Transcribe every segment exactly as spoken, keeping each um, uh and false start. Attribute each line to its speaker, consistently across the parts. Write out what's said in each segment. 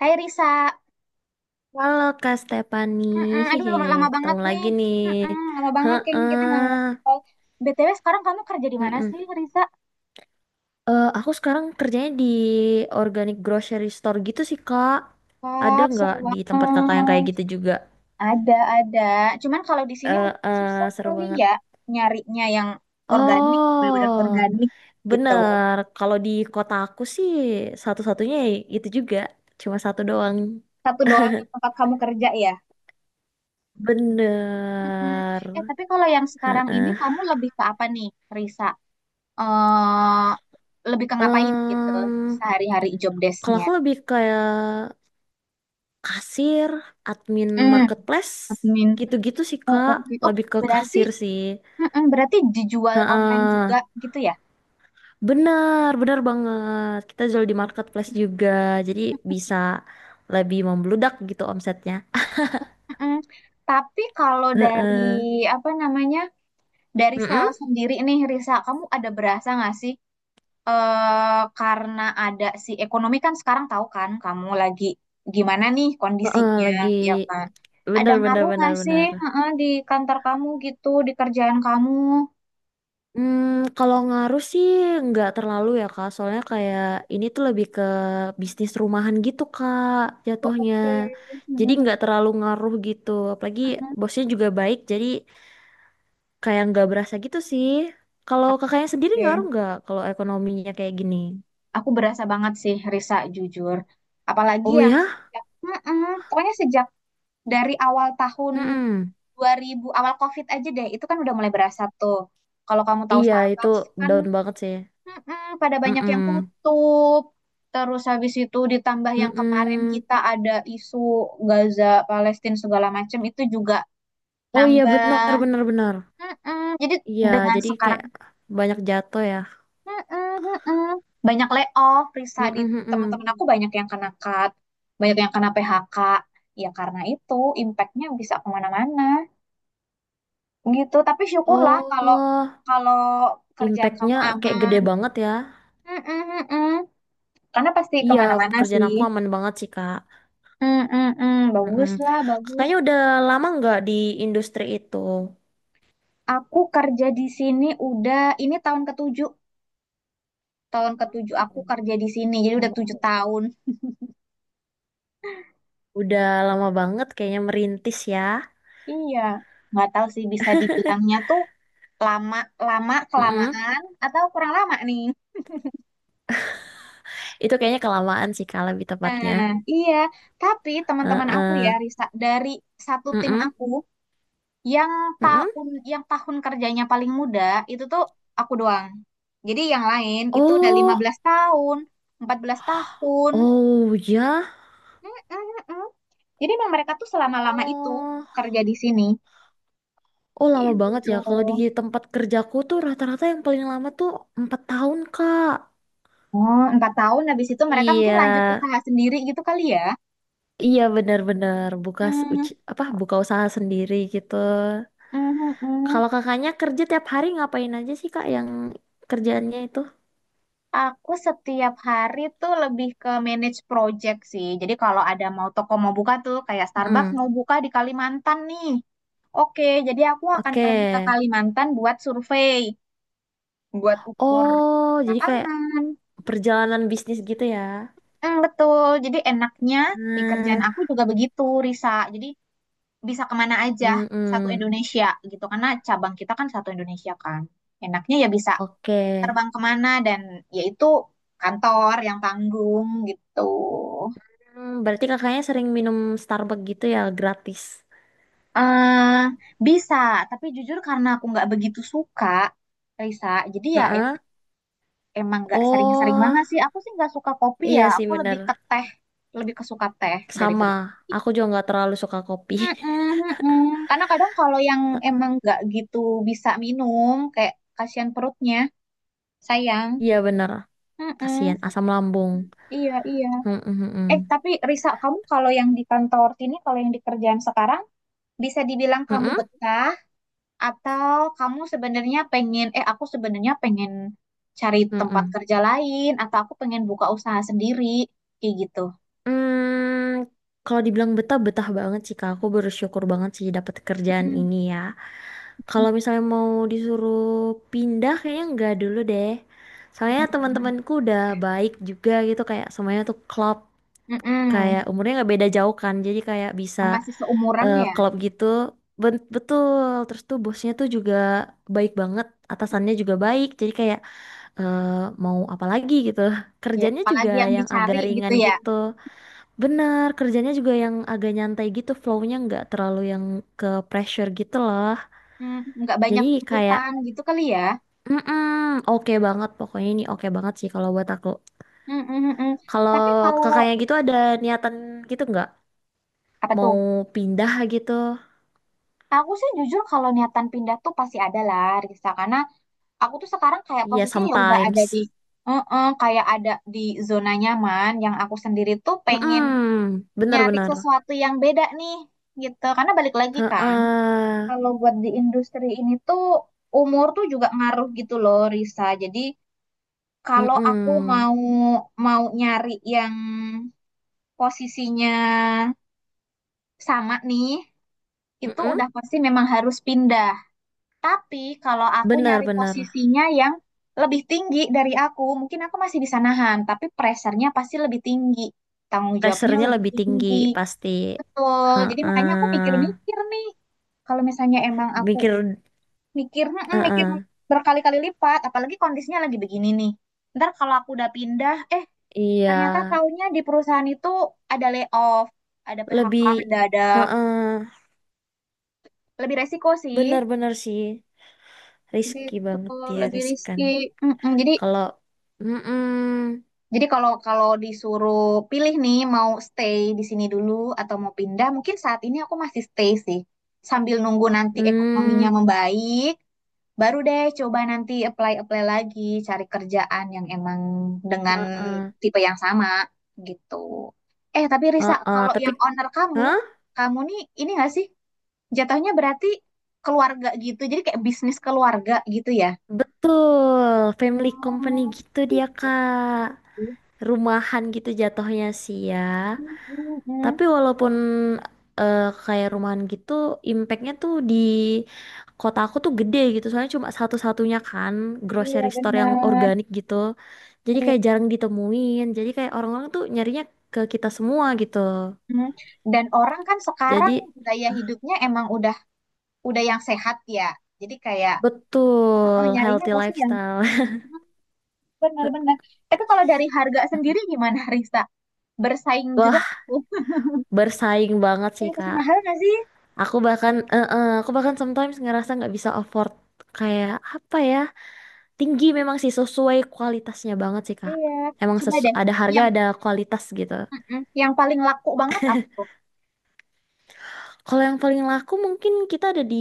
Speaker 1: Hai Risa.
Speaker 2: Halo Kak Stefani,
Speaker 1: Mm-mm, Aduh
Speaker 2: hehe,
Speaker 1: lama, lama banget
Speaker 2: ketemu
Speaker 1: nih.
Speaker 2: lagi nih.
Speaker 1: Mm-mm, Lama banget kayaknya kita
Speaker 2: Heeh,
Speaker 1: nggak ngobrol. B T W sekarang kamu kerja di mana
Speaker 2: mm
Speaker 1: sih, Risa?
Speaker 2: Eh, aku sekarang kerjanya di organic grocery store gitu sih Kak. Ada
Speaker 1: Wah,
Speaker 2: nggak
Speaker 1: seru
Speaker 2: di tempat kakak yang kayak
Speaker 1: banget.
Speaker 2: gitu juga?
Speaker 1: Ada ada, cuman kalau di sini
Speaker 2: Eh,
Speaker 1: mungkin susah
Speaker 2: eh, seru
Speaker 1: kali
Speaker 2: banget.
Speaker 1: ya nyarinya yang organik, benar-benar
Speaker 2: Oh,
Speaker 1: organik gitu.
Speaker 2: bener. Kalau di kota aku sih satu-satunya ya itu juga, cuma satu doang.
Speaker 1: Satu doang yang tempat kamu kerja ya. Mm-mm.
Speaker 2: Bener.
Speaker 1: Eh, tapi kalau yang sekarang ini
Speaker 2: Heeh.
Speaker 1: kamu lebih ke apa nih, Risa? eh Lebih ke ngapain gitu
Speaker 2: Em,
Speaker 1: sehari-hari job
Speaker 2: kalau
Speaker 1: desk-nya?
Speaker 2: aku lebih kayak kasir, admin
Speaker 1: Hmm,
Speaker 2: marketplace,
Speaker 1: admin.
Speaker 2: gitu-gitu sih
Speaker 1: Oh,
Speaker 2: Kak,
Speaker 1: oke. Oh,
Speaker 2: lebih ke
Speaker 1: berarti
Speaker 2: kasir sih.
Speaker 1: mm-mm, berarti dijual online juga
Speaker 2: Heeh.
Speaker 1: gitu ya?
Speaker 2: Benar, benar banget. Kita jual di marketplace juga, jadi bisa lebih membludak gitu omsetnya.
Speaker 1: Mm-mm. Tapi kalau dari,
Speaker 2: Heeh.
Speaker 1: apa namanya, dari
Speaker 2: Mm-mm.
Speaker 1: sales sendiri nih, Risa, kamu ada berasa nggak sih, eh karena ada si ekonomi kan sekarang, tahu kan kamu lagi gimana nih
Speaker 2: Heeh,
Speaker 1: kondisinya,
Speaker 2: lagi
Speaker 1: ya kan? Ada
Speaker 2: benar benar
Speaker 1: ngaruh
Speaker 2: benar
Speaker 1: nggak sih,
Speaker 2: benar.
Speaker 1: mm di kantor kamu gitu, di kerjaan kamu?
Speaker 2: Hmm, kalau ngaruh sih nggak terlalu ya Kak, soalnya kayak ini tuh lebih ke bisnis rumahan gitu Kak
Speaker 1: Oh,
Speaker 2: jatuhnya.
Speaker 1: oke.
Speaker 2: Jadi
Speaker 1: Mm-mm,
Speaker 2: nggak terlalu ngaruh gitu, apalagi
Speaker 1: mm-mm.
Speaker 2: bosnya juga baik, jadi kayak nggak berasa gitu sih. Kalau kakaknya sendiri ngaruh
Speaker 1: Oke.
Speaker 2: nggak kalau ekonominya kayak gini?
Speaker 1: Aku berasa banget sih, Risa, jujur. Apalagi,
Speaker 2: Oh
Speaker 1: yang
Speaker 2: ya?
Speaker 1: sejak, mm-mm, pokoknya sejak dari awal tahun
Speaker 2: Mm-mm.
Speaker 1: dua ribuan, awal COVID aja deh, itu kan udah mulai berasa tuh. Kalau kamu tahu
Speaker 2: Iya itu
Speaker 1: Starbucks kan,
Speaker 2: down banget sih.
Speaker 1: mm-mm, pada banyak yang
Speaker 2: Mm-mm.
Speaker 1: tutup. Terus habis itu ditambah yang kemarin
Speaker 2: Mm-mm.
Speaker 1: kita ada isu Gaza, Palestina, segala macam itu juga
Speaker 2: Oh iya benar
Speaker 1: nambah.
Speaker 2: benar benar.
Speaker 1: Mm-mm. Jadi
Speaker 2: Iya
Speaker 1: dengan
Speaker 2: jadi
Speaker 1: sekarang.
Speaker 2: kayak banyak jatuh ya.
Speaker 1: Heeh, heeh. Banyak layoff, Risa,
Speaker 2: Mm-mm,
Speaker 1: di
Speaker 2: mm-mm.
Speaker 1: teman-teman aku banyak yang kena cut, banyak yang kena P H K. Ya karena itu impactnya bisa kemana-mana gitu. Tapi syukurlah, kalau
Speaker 2: Oh.
Speaker 1: kalau kerjaan kamu
Speaker 2: Impactnya kayak
Speaker 1: aman.
Speaker 2: gede banget ya.
Speaker 1: Mm-mm, mm-mm. Karena pasti
Speaker 2: Iya,
Speaker 1: kemana-mana
Speaker 2: kerjaan
Speaker 1: sih.
Speaker 2: aku aman banget sih, Kak.
Speaker 1: Mm-mm,
Speaker 2: Mm-mm.
Speaker 1: bagus lah, bagus.
Speaker 2: Kakaknya udah lama nggak di industri itu?
Speaker 1: Aku kerja di sini udah ini tahun ketujuh, tahun ketujuh aku
Speaker 2: Wow.
Speaker 1: kerja di sini. Jadi udah tujuh
Speaker 2: Wow.
Speaker 1: tahun.
Speaker 2: Udah lama banget kayaknya merintis ya.
Speaker 1: Iya, nggak tahu sih bisa dibilangnya tuh lama lama
Speaker 2: Mm-mm.
Speaker 1: kelamaan atau kurang lama nih.
Speaker 2: Itu kayaknya kelamaan sih, Kak, lebih tepatnya.
Speaker 1: Nah, iya, tapi teman-teman aku ya,
Speaker 2: Heeh.
Speaker 1: Risa, dari satu tim
Speaker 2: Mm-mm.
Speaker 1: aku, yang
Speaker 2: Mm-mm.
Speaker 1: tahun yang tahun kerjanya paling muda itu tuh aku doang. Jadi yang lain itu udah lima
Speaker 2: Oh,
Speaker 1: belas tahun, empat belas tahun.
Speaker 2: oh ya.
Speaker 1: Mm-mm-mm. Jadi emang mereka tuh selama-lama itu
Speaker 2: Oh,
Speaker 1: kerja di sini.
Speaker 2: oh lama banget
Speaker 1: Gitu.
Speaker 2: ya. Kalau di tempat kerjaku tuh rata-rata yang paling lama tuh empat tahun, Kak.
Speaker 1: Oh, empat tahun habis itu mereka mungkin
Speaker 2: Iya.
Speaker 1: lanjut usaha sendiri gitu kali ya.
Speaker 2: Iya benar-benar buka s-
Speaker 1: Mm,
Speaker 2: uci- apa buka usaha sendiri gitu.
Speaker 1: mm, mm, mm.
Speaker 2: Kalau kakaknya kerja tiap hari ngapain aja sih kak yang kerjaannya itu?
Speaker 1: Aku setiap hari tuh lebih ke manage project sih. Jadi kalau ada mau toko mau buka tuh, kayak Starbucks
Speaker 2: Mm-mm.
Speaker 1: mau buka di Kalimantan nih. Oke, jadi aku akan
Speaker 2: Oke.
Speaker 1: pergi ke Kalimantan buat survei, buat ukur
Speaker 2: Oh, jadi kayak
Speaker 1: lapangan.
Speaker 2: perjalanan bisnis gitu ya.
Speaker 1: Hmm, betul. Jadi enaknya di kerjaan
Speaker 2: Hmm,
Speaker 1: aku juga begitu, Risa. Jadi bisa kemana aja, satu
Speaker 2: Mm-mm.
Speaker 1: Indonesia gitu. Karena cabang kita kan satu Indonesia kan. Enaknya ya bisa
Speaker 2: Oke.
Speaker 1: terbang kemana, dan yaitu kantor yang tanggung gitu.
Speaker 2: Hmm, berarti kakaknya sering minum Starbucks gitu ya gratis.
Speaker 1: eh Bisa, tapi jujur karena aku nggak begitu suka, Risa, jadi ya
Speaker 2: Heeh.
Speaker 1: em- emang nggak sering-sering
Speaker 2: Oh,
Speaker 1: banget sih. Aku sih nggak suka kopi ya,
Speaker 2: iya sih
Speaker 1: aku lebih
Speaker 2: bener.
Speaker 1: ke teh, lebih kesuka teh
Speaker 2: Sama.
Speaker 1: daripada kopi.
Speaker 2: Aku juga nggak terlalu suka kopi.
Speaker 1: Mm-mm, mm-mm. Karena kadang kalau yang emang nggak gitu bisa minum, kayak kasihan perutnya, sayang.
Speaker 2: Iya bener.
Speaker 1: Mm-mm.
Speaker 2: Kasihan asam lambung.
Speaker 1: Iya, iya.
Speaker 2: Mm-mm,
Speaker 1: Eh,
Speaker 2: mm-mm.
Speaker 1: tapi Risa, kamu kalau yang di kantor sini, kalau yang di kerjaan sekarang, bisa dibilang
Speaker 2: Mm-mm,
Speaker 1: kamu
Speaker 2: mm-mm.
Speaker 1: betah, atau kamu sebenarnya pengen, eh, aku sebenarnya pengen cari
Speaker 2: Hmm, hmm?
Speaker 1: tempat
Speaker 2: Hmm, hmm.
Speaker 1: kerja lain, atau aku pengen buka usaha sendiri, kayak gitu.
Speaker 2: Hmm, kalau dibilang betah, betah banget sih Kak. Aku bersyukur banget sih dapat kerjaan
Speaker 1: Mm.
Speaker 2: ini ya. Kalau misalnya mau disuruh pindah, kayaknya enggak dulu deh. Soalnya teman-temanku udah baik juga gitu, kayak semuanya tuh klop. Kayak
Speaker 1: Mm-mm.
Speaker 2: umurnya nggak beda jauh kan, jadi kayak bisa
Speaker 1: Masih seumuran
Speaker 2: eh,
Speaker 1: ya.
Speaker 2: klop gitu. Ben- betul. Terus tuh bosnya tuh juga baik banget, atasannya juga baik. Jadi kayak eh, mau apa lagi gitu.
Speaker 1: Iya.
Speaker 2: Kerjanya juga
Speaker 1: Apalagi yang
Speaker 2: yang agak
Speaker 1: dicari gitu
Speaker 2: ringan
Speaker 1: ya.
Speaker 2: gitu. Benar, kerjanya juga yang agak nyantai gitu, flow-nya nggak terlalu yang ke pressure gitu loh.
Speaker 1: Mm, nggak banyak
Speaker 2: Jadi kayak,
Speaker 1: tuntutan gitu kali ya.
Speaker 2: mm oke banget, pokoknya ini oke banget sih kalau buat aku.
Speaker 1: Mm-mm-mm.
Speaker 2: Kalau
Speaker 1: Tapi kalau,
Speaker 2: kakaknya gitu ada niatan gitu nggak?
Speaker 1: apa tuh?
Speaker 2: Mau pindah gitu?
Speaker 1: Aku sih jujur kalau niatan pindah tuh pasti ada lah, Risa. Karena aku tuh sekarang kayak
Speaker 2: Iya,
Speaker 1: posisinya ya udah
Speaker 2: sometimes.
Speaker 1: ada di, heeh, kayak ada di zona nyaman yang aku sendiri tuh pengen
Speaker 2: Mm-mm,
Speaker 1: nyari
Speaker 2: benar-benar.
Speaker 1: sesuatu yang beda nih, gitu, karena balik lagi kan,
Speaker 2: Heeh.
Speaker 1: kalau buat di industri ini tuh umur tuh juga ngaruh gitu loh, Risa, jadi kalau aku
Speaker 2: Mm-mm.
Speaker 1: mau mau nyari yang posisinya sama nih, itu
Speaker 2: Mm-mm.
Speaker 1: udah pasti memang harus pindah. Tapi kalau aku nyari
Speaker 2: Benar-benar.
Speaker 1: posisinya yang lebih tinggi dari aku, mungkin aku masih bisa nahan, tapi pressure-nya pasti lebih tinggi. Tanggung jawabnya
Speaker 2: Pressure-nya
Speaker 1: lebih
Speaker 2: lebih tinggi
Speaker 1: tinggi.
Speaker 2: pasti.
Speaker 1: Betul. Jadi makanya aku
Speaker 2: Heeh.
Speaker 1: mikir-mikir nih. Kalau misalnya emang aku
Speaker 2: Mikir
Speaker 1: mikir, mm, mikir
Speaker 2: heeh.
Speaker 1: berkali-kali lipat, apalagi kondisinya lagi begini nih. Ntar kalau aku udah pindah, eh,
Speaker 2: Iya,
Speaker 1: ternyata taunya di perusahaan itu ada layoff, ada P H K
Speaker 2: lebih
Speaker 1: mendadak.
Speaker 2: heeh.
Speaker 1: Lebih resiko sih.
Speaker 2: Benar-benar sih risky
Speaker 1: Gitu,
Speaker 2: banget dia
Speaker 1: lebih
Speaker 2: riskan.
Speaker 1: risky. Mm-mm. Jadi
Speaker 2: Kalau mm-mm,
Speaker 1: Jadi kalau kalau disuruh pilih nih, mau stay di sini dulu atau mau pindah, mungkin saat ini aku masih stay sih. Sambil nunggu nanti ekonominya
Speaker 2: mm,
Speaker 1: membaik, baru deh coba nanti apply-apply lagi, cari kerjaan yang emang dengan
Speaker 2: heeh,
Speaker 1: tipe yang sama gitu. Eh, tapi Risa,
Speaker 2: heeh.
Speaker 1: kalau
Speaker 2: Tapi
Speaker 1: yang owner kamu,
Speaker 2: hah?
Speaker 1: kamu nih ini nggak sih? Jatuhnya berarti keluarga gitu. Jadi kayak bisnis keluarga gitu ya.
Speaker 2: Betul, family company
Speaker 1: Hmm,
Speaker 2: gitu dia, Kak.
Speaker 1: gitu.
Speaker 2: Rumahan gitu jatuhnya sih ya.
Speaker 1: Mm-mm.
Speaker 2: Tapi walaupun eh, kayak rumahan gitu, impactnya tuh di kota aku tuh gede gitu. Soalnya cuma satu-satunya kan
Speaker 1: Iya
Speaker 2: grocery store yang
Speaker 1: benar.
Speaker 2: organik gitu. Jadi kayak jarang ditemuin. Jadi kayak orang-orang tuh nyarinya ke kita semua gitu.
Speaker 1: Hmm. Dan orang kan sekarang
Speaker 2: Jadi
Speaker 1: gaya hidupnya emang udah udah yang sehat ya. Jadi kayak, oh, oh,
Speaker 2: betul
Speaker 1: nyarinya
Speaker 2: healthy
Speaker 1: pasti yang,
Speaker 2: lifestyle.
Speaker 1: hmm, benar-benar. Tapi kalau dari harga sendiri gimana, Rista? Bersaing
Speaker 2: Wah,
Speaker 1: juga tuh.
Speaker 2: bersaing banget sih,
Speaker 1: Ya pasti
Speaker 2: Kak.
Speaker 1: mahal nggak sih?
Speaker 2: Aku bahkan eh eh, aku bahkan sometimes ngerasa nggak bisa afford kayak apa ya? Tinggi memang sih sesuai kualitasnya banget sih Kak.
Speaker 1: Iya.
Speaker 2: Emang
Speaker 1: Coba
Speaker 2: sesu-
Speaker 1: deh,
Speaker 2: ada harga
Speaker 1: yang
Speaker 2: ada kualitas gitu.
Speaker 1: mm yang paling laku banget apa tuh?
Speaker 2: Kalau yang paling laku mungkin kita ada di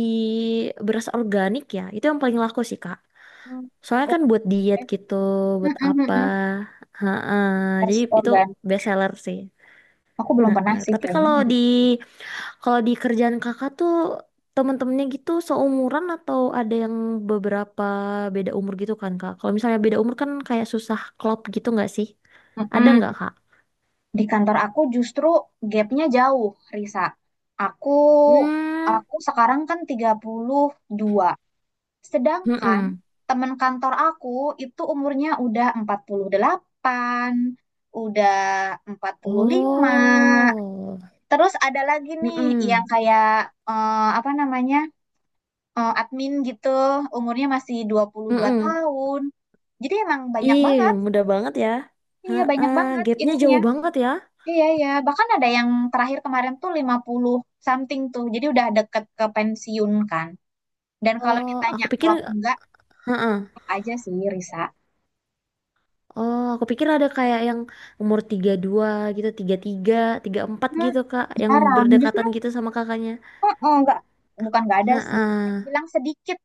Speaker 2: beras organik ya. Itu yang paling laku sih Kak.
Speaker 1: Hmm,
Speaker 2: Soalnya
Speaker 1: oke.
Speaker 2: kan buat diet gitu, buat
Speaker 1: Mm-mm,
Speaker 2: apa.
Speaker 1: mm.
Speaker 2: Heeh.
Speaker 1: Tes
Speaker 2: Jadi itu
Speaker 1: organ.
Speaker 2: best seller sih.
Speaker 1: Aku belum pernah
Speaker 2: Heeh.
Speaker 1: sih
Speaker 2: Tapi
Speaker 1: kayaknya.
Speaker 2: kalau di kalau di kerjaan Kakak tuh temen-temennya gitu seumuran atau ada yang beberapa beda umur gitu kan Kak? Kalau misalnya beda umur kan kayak susah klop gitu nggak sih? Ada
Speaker 1: mm
Speaker 2: nggak Kak?
Speaker 1: Di kantor aku justru gapnya jauh, Risa. Aku
Speaker 2: Hmm,
Speaker 1: aku sekarang kan tiga puluh dua. Sedangkan
Speaker 2: mm-mm,
Speaker 1: teman kantor aku itu umurnya udah empat puluh delapan, udah empat puluh lima.
Speaker 2: Oh,
Speaker 1: Terus ada lagi nih yang
Speaker 2: mm-mm,
Speaker 1: kayak, eh, apa namanya, eh, admin gitu, umurnya masih dua puluh dua
Speaker 2: mm-mm.
Speaker 1: tahun. Jadi emang banyak
Speaker 2: Ih,
Speaker 1: banget.
Speaker 2: mudah banget ya.
Speaker 1: Iya, banyak
Speaker 2: Heeh,
Speaker 1: banget
Speaker 2: gapnya
Speaker 1: ininya.
Speaker 2: jauh banget ya.
Speaker 1: Iya, iya. Bahkan ada yang terakhir kemarin tuh lima puluh something tuh. Jadi udah deket ke pensiun kan. Dan kalau
Speaker 2: oh,
Speaker 1: ditanya
Speaker 2: aku pikir,
Speaker 1: klop enggak, klop aja sih, Risa.
Speaker 2: oh, aku pikir ada kayak yang umur tiga puluh dua gitu, tiga puluh tiga, empat
Speaker 1: Hmm,
Speaker 2: gitu, Kak, yang
Speaker 1: jarang. Justru,
Speaker 2: berdekatan gitu sama kakaknya.
Speaker 1: oh, oh, enggak, bukan enggak ada sih. Saya
Speaker 2: Heeh.
Speaker 1: bilang sedikit.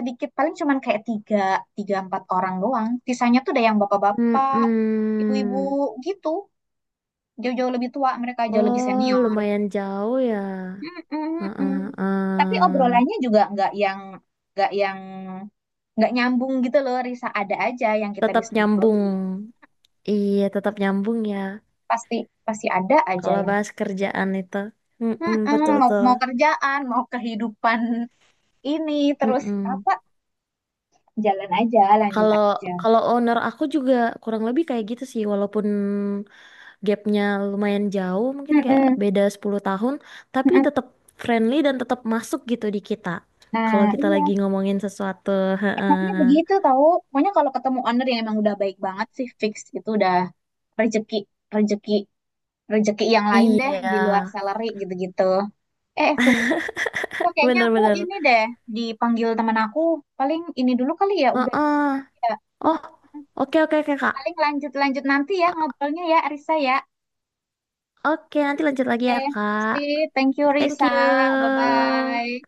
Speaker 1: Sedikit paling cuman kayak tiga, tiga empat orang doang. Sisanya tuh ada yang bapak-bapak,
Speaker 2: Mm-mm.
Speaker 1: ibu-ibu gitu. Jauh-jauh lebih tua, mereka jauh lebih
Speaker 2: Oh,
Speaker 1: senior.
Speaker 2: lumayan jauh ya.
Speaker 1: Mm, mm,
Speaker 2: Heeh,
Speaker 1: mm. Tapi
Speaker 2: heeh.
Speaker 1: obrolannya juga nggak yang nggak yang nggak nyambung gitu loh, Risa, ada aja yang kita
Speaker 2: Tetap
Speaker 1: bisa ngobroli,
Speaker 2: nyambung. Iya, tetap nyambung ya.
Speaker 1: pasti pasti ada aja
Speaker 2: Kalau
Speaker 1: yang,
Speaker 2: bahas kerjaan itu, mm
Speaker 1: mm-mm, mau
Speaker 2: betul-betul.
Speaker 1: mau kerjaan mau kehidupan ini, terus
Speaker 2: Mm-mm.
Speaker 1: apa, jalan aja, lanjut
Speaker 2: Kalau
Speaker 1: aja.
Speaker 2: kalau owner aku juga kurang lebih kayak gitu sih, walaupun gapnya lumayan jauh, mungkin kayak
Speaker 1: Mm-mm,
Speaker 2: beda sepuluh tahun, tapi
Speaker 1: mm-mm.
Speaker 2: tetap friendly dan tetap masuk gitu di kita.
Speaker 1: Nah,
Speaker 2: Kalau kita
Speaker 1: iya,
Speaker 2: lagi ngomongin sesuatu,
Speaker 1: enaknya
Speaker 2: heeh.
Speaker 1: begitu tahu, pokoknya kalau ketemu owner yang emang udah baik banget sih, fix itu udah rezeki rezeki rezeki yang lain deh,
Speaker 2: Iya,
Speaker 1: di luar salary gitu-gitu. Eh, tunggu, kok kayaknya aku
Speaker 2: bener-bener.
Speaker 1: ini deh, dipanggil teman aku. Paling ini dulu kali ya, udah.
Speaker 2: Heeh.
Speaker 1: Ya.
Speaker 2: Oh,
Speaker 1: Mm-mm.
Speaker 2: oke oke oke, Kak.
Speaker 1: Paling lanjut-lanjut nanti ya ngobrolnya ya, Risa ya.
Speaker 2: Oke, nanti lanjut lagi ya,
Speaker 1: Oke,
Speaker 2: Kak.
Speaker 1: see, thank you
Speaker 2: Thank
Speaker 1: Risa.
Speaker 2: you.
Speaker 1: Bye-bye.